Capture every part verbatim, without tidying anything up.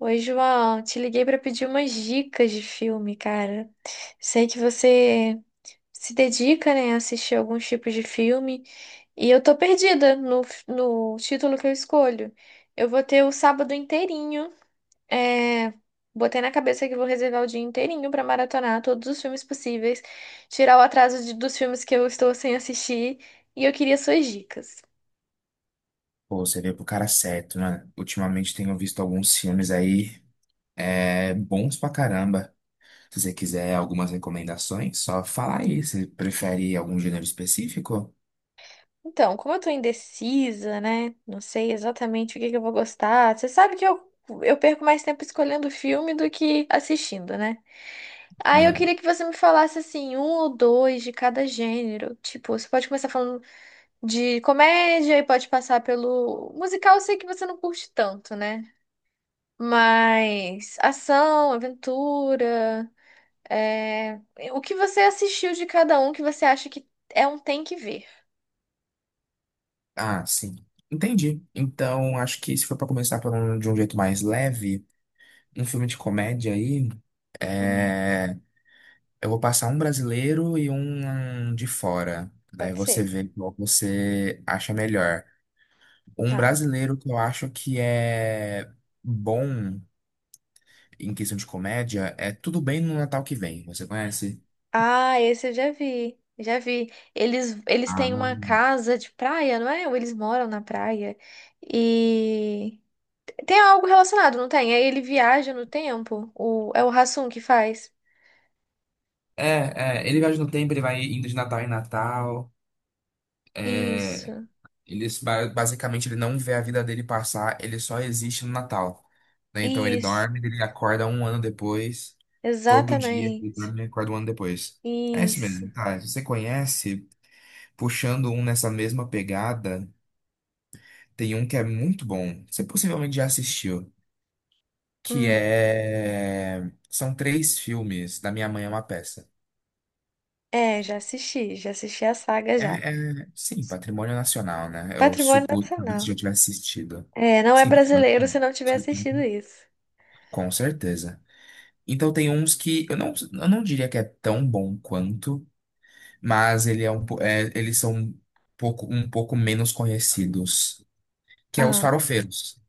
Oi, João, te liguei para pedir umas dicas de filme, cara. Sei que você se dedica, né, a assistir alguns tipos de filme e eu tô perdida no, f- no título que eu escolho. Eu vou ter o sábado inteirinho. É, Botei na cabeça que vou reservar o dia inteirinho para maratonar todos os filmes possíveis, tirar o atraso de- dos filmes que eu estou sem assistir e eu queria suas dicas. Pô, você veio pro cara certo, né? Ultimamente tenho visto alguns filmes aí, é, bons pra caramba. Se você quiser algumas recomendações, só fala aí. Você prefere algum gênero específico? Então, como eu tô indecisa, né? Não sei exatamente o que que eu vou gostar. Você sabe que eu, eu perco mais tempo escolhendo filme do que assistindo, né? Aí eu Uhum. queria que você me falasse assim, um ou dois de cada gênero. Tipo, você pode começar falando de comédia e pode passar pelo musical, eu sei que você não curte tanto, né? Mas ação, aventura, é... o que você assistiu de cada um que você acha que é um tem que ver? Ah, sim. Entendi. Então, acho que se for pra começar por um- de um jeito mais leve, um filme de comédia aí, Hum, é, eu vou passar um brasileiro e um de fora. Daí pode você ser. vê qual você acha melhor. Um Tá. brasileiro que eu acho que é bom em questão de comédia é Tudo Bem no Natal que Vem. Você conhece? Ah, esse eu já vi. Já vi. Eles, eles Ah, têm uma não. casa de praia, não é? Ou eles moram na praia. E tem algo relacionado, não tem? Aí ele viaja no tempo. O, é o Hassum que faz. é, é, ele viaja no tempo, ele vai indo de Natal em Natal. É, Isso, ele, basicamente, ele não vê a vida dele passar, ele só existe no Natal. Né? Então ele isso, dorme, ele acorda um ano depois, todo dia, ele exatamente. dorme e acorda um ano depois. É isso Isso. mesmo, tá? Se você conhece, puxando um nessa mesma pegada. Tem um que é muito bom, você possivelmente já assistiu, que Hum. é... são três filmes da Minha Mãe é uma Peça. É, já assisti, já assisti a saga É, já. é- sim, Patrimônio Nacional, né? Eu Patrimônio supus que você Nacional. já tivesse assistido. É, não é Sim, Patrimônio brasileiro se Nacional. não tiver assistido isso. Com certeza. Então tem uns que eu não, eu não diria que é tão bom quanto, mas ele é um, po- é, eles são um pouco, um pouco menos conhecidos, que é Os Ah, Farofeiros.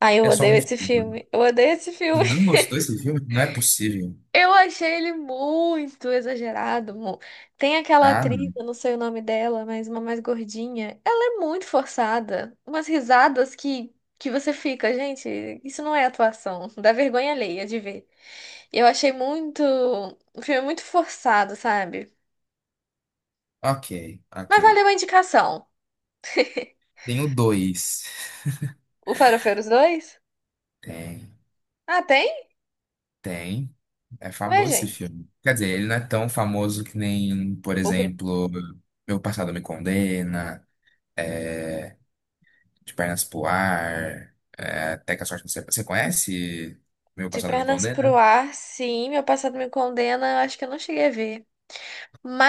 aí eu É só odeio um esse filme. filme. Eu odeio esse Você filme. não gostou desse filme? Não é possível. Eu achei ele muito exagerado. mu- Tem aquela Ah, atriz, eu não sei o nome dela, mas uma mais gordinha. Ela é muito forçada. Umas risadas que, que você fica, gente, isso não é atuação. Dá vergonha alheia de ver. Eu achei muito. O filme muito forçado, sabe? ok, ok. Mas valeu a indicação. Tenho dois. O Farofeiros dois? Tem, Ah, tem? tem. É Ué, famoso esse gente. filme. Quer dizer, ele não é tão famoso que nem, por O Bra- exemplo, Meu Passado Me Condena, é, De Pernas pro Ar, é, Até que a Sorte Não Separe. Você conhece Meu De Passado Me Pernas pro Condena? Ar, sim. Meu passado me condena. Eu Acho que eu não cheguei a ver.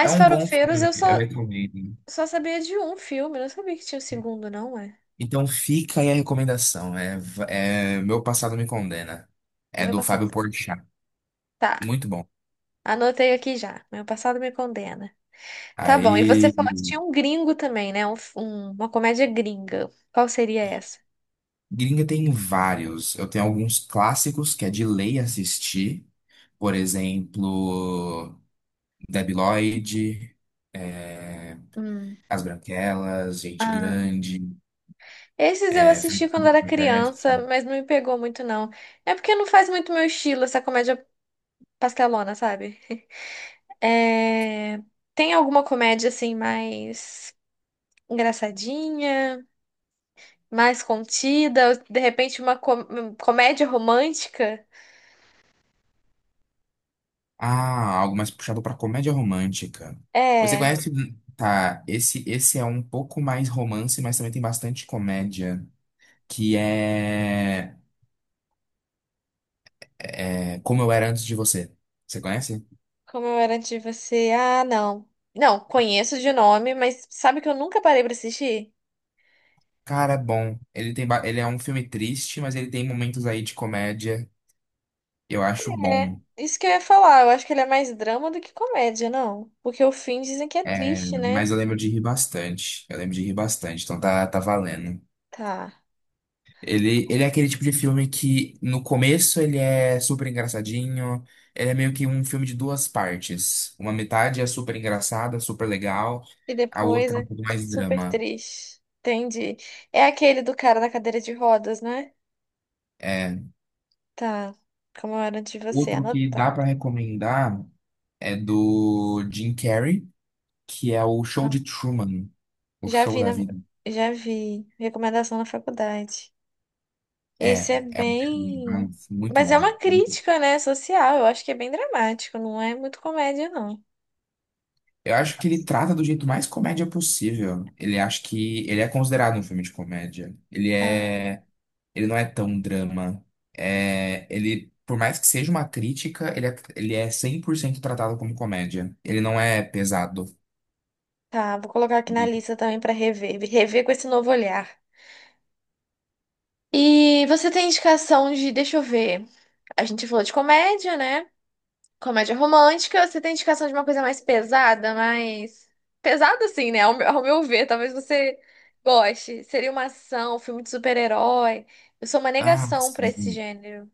É um bom Farofeiros filme, eu eu só recomendo. eu só sabia de um filme, não sabia que tinha o segundo, não é? Então fica aí a recomendação. É, é Meu Passado Me Condena. É Meu do passado. Fábio Porchat. Tá, Muito bom. anotei aqui já. Meu passado me condena. Tá bom, e você Aí. falou que tinha um gringo também, né? Um f- um- uma comédia gringa. Qual seria essa? Gringa tem vários. Eu tenho alguns clássicos que é de lei assistir. Por exemplo, Debi Lloyd, é, Hum. As Branquelas, Gente Ah. Grande, Esses eu é, Frank assisti quando era Converse. criança, mas não me pegou muito, não. É porque não faz muito meu estilo essa comédia pastelona, sabe? É... Tem alguma comédia assim mais engraçadinha? Mais contida, de repente uma com- comédia romântica. Ah, algo mais puxado pra comédia romântica. Você É, conhece? Tá, esse, esse é um pouco mais romance, mas também tem bastante comédia. Que é, é Como Eu Era Antes de Você. Você conhece? Como eu era de você. Ah, não. Não, conheço de nome, mas sabe que eu nunca parei pra assistir? Cara, é bom. Ele tem, ba- ele é um filme triste, mas ele tem momentos aí de comédia. Eu acho É, bom. isso que eu ia falar. Eu acho que ele é mais drama do que comédia, não. Porque o fim dizem que é É, triste, né? mas eu lembro de rir bastante. Eu lembro de rir bastante, então tá, tá valendo. Tá. Ele, ele é aquele tipo de filme que no começo ele é super engraçadinho. Ele é meio que um filme de duas partes. Uma metade é super engraçada, super legal. E A depois outra é é um pouco mais super drama. triste. Entendi. É aquele do cara na cadeira de rodas, né? É, Tá. Como eu era de você, outro que dá anotado. pra recomendar é do Jim Carrey. Que é o show de Truman, o Já show vi da na, vida. já vi recomendação na faculdade. É, Esse é é um filme- é bem, um filme muito mas é bom. uma muito- crítica, né, social. Eu acho que é bem dramático, não é muito comédia, não. Eu acho que ele trata do jeito mais comédia possível. Ele Acho que ele é considerado um filme de comédia. Ele Ah, é, ele não é tão drama. É, ele, por mais que seja uma crítica, ele é, ele é cem por cento tratado como comédia. Ele não é pesado. tá, vou colocar aqui na Ele- lista também pra rever, rever com esse novo olhar. E você tem indicação de, deixa eu ver. A gente falou de comédia, né? Comédia romântica, você tem indicação de uma coisa mais pesada, mais. Pesada, assim, né? Ao meu, ao meu ver, talvez você goste. Seria uma ação, um filme de super-herói. Eu sou uma ah, negação pra esse sim. gênero.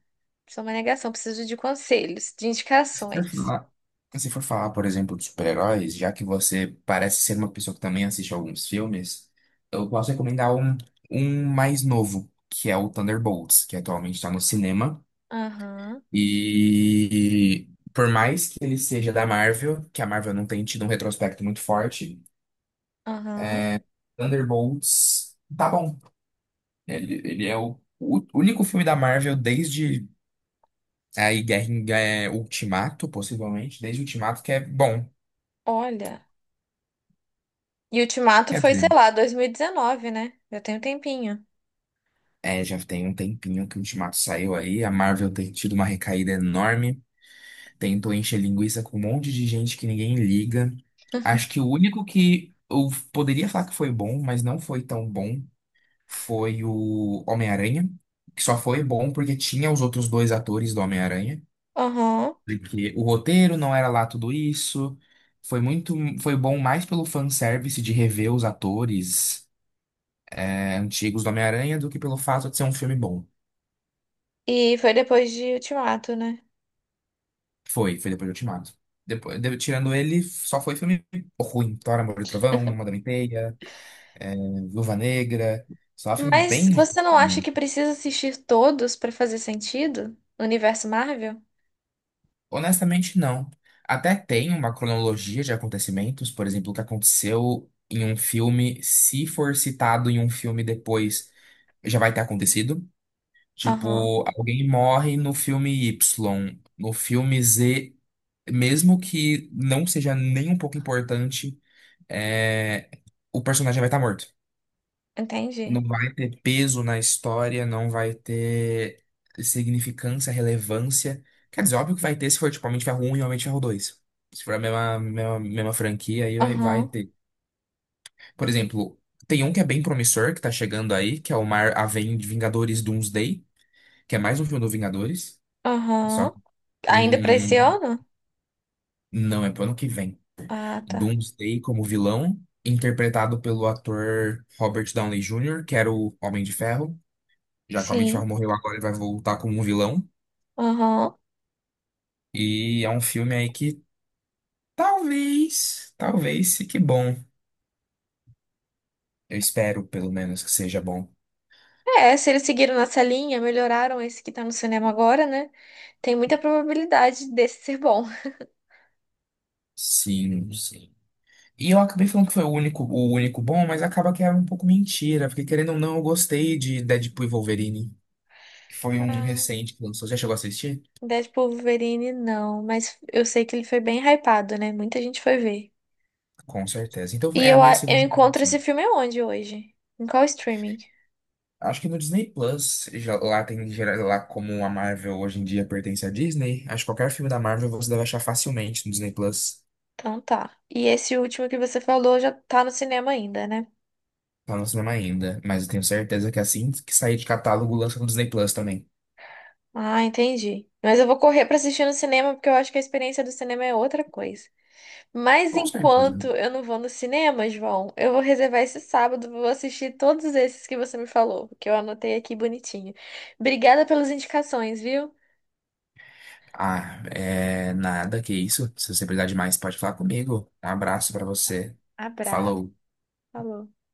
Sou uma negação, preciso de conselhos, de Se for indicações. falar, se for falar, por exemplo, de super-heróis, já que você parece ser uma pessoa que também assiste alguns filmes, eu posso recomendar um, um mais novo, que é o Thunderbolts, que atualmente está no cinema. Aham, E por mais que ele seja da Marvel, que a Marvel não tem tido um retrospecto muito forte, aham. Thunderbolts tá bom. Ele, ele é o, o único filme da Marvel desde é, aí Guerra em- é, Ultimato, possivelmente, desde Ultimato, que é bom. Olha. E Ultimato Quer foi, dizer. sei lá, dois mil e dezenove, né? Já tem um tempinho. É, já tem um tempinho que o Ultimato saiu aí. A Marvel tem tido uma recaída enorme. Tentou encher linguiça com um monte de gente que ninguém liga. Acho que o único que eu poderia falar que foi bom, mas não foi tão bom, foi o Homem-Aranha. Que só foi bom porque tinha os outros dois atores do Homem-Aranha. Aham. Porque o roteiro não era lá tudo isso. Foi muito, foi bom mais pelo fanservice de rever os atores, é, antigos do Homem-Aranha do que pelo fato de ser um filme bom. E foi depois de Ultimato, né? Foi, foi depois do Ultimato. Depois, de- tirando ele, só foi filme ruim. Thor, Amor e Trovão, Madame Teia, Viúva Negra. Só filme Mas bem ruim, você não acha né? que precisa assistir todos pra fazer sentido? No universo Marvel? Honestamente, não. Até tem uma cronologia de acontecimentos, por exemplo, o que aconteceu em um filme, se for citado em um filme depois, já vai ter acontecido. Aham, Tipo, alguém morre no filme Y, no filme Z, mesmo que não seja nem um pouco importante, é, o personagem vai estar morto. Não entendi. vai ter peso na história, não vai ter significância, relevância. Quer dizer, óbvio que vai ter se for tipo Homem de Ferro um e Homem de Ferro dois. Se for a mesma, mesma, mesma franquia, aí vai, vai Aham, ter. Por exemplo, tem um que é bem promissor, que tá chegando aí, que é o Mar a Vem- Vingadores Doomsday, que é mais um filme do Vingadores. Só aham. que Ainda pra esse hum, ano? não é pro ano que vem. Ah, tá. Doomsday como vilão, interpretado pelo ator Robert Downey júnior, que era o Homem de Ferro. Já que a Sim. Mitchell morreu agora, ele vai voltar como um vilão. Aham. E é um filme aí que talvez, talvez fique bom. Eu espero, pelo menos, que seja bom. É, se eles seguiram nessa linha, melhoraram esse que tá no cinema agora, né? Tem muita probabilidade desse ser bom. Sim, sim. E eu acabei falando que foi o único, o único bom, mas acaba que era um pouco mentira, porque querendo ou não, eu gostei de Deadpool e Wolverine, que foi um Ah, recente que lançou. Já chegou a assistir? Deadpool Wolverine, não. Mas eu sei que ele foi bem hypado, né? Muita gente foi ver. Com certeza. Então E é a eu, minha a- eu segunda. encontro Recomendação. esse filme onde hoje? Em qual streaming? Acho que no Disney Plus, já- lá tem gera- lá como a Marvel hoje em dia pertence à Disney, acho que qualquer filme da Marvel você deve achar facilmente no Disney Plus. Então tá. E esse último que você falou já tá no cinema ainda, né? Tá no cinema ainda, mas eu tenho certeza que assim que sair de catálogo lança no Disney Plus também. Ah, entendi. Mas eu vou correr pra assistir no cinema porque eu acho que a experiência do cinema é outra coisa. Mas Com certeza. enquanto eu não vou no cinema, João, eu vou reservar esse sábado, vou assistir todos esses que você me falou, que eu anotei aqui bonitinho. Obrigada pelas indicações, viu? Ah, é nada, que isso. Se você precisar de mais, pode falar comigo. Um abraço pra você. Abraço. Falou. Falou.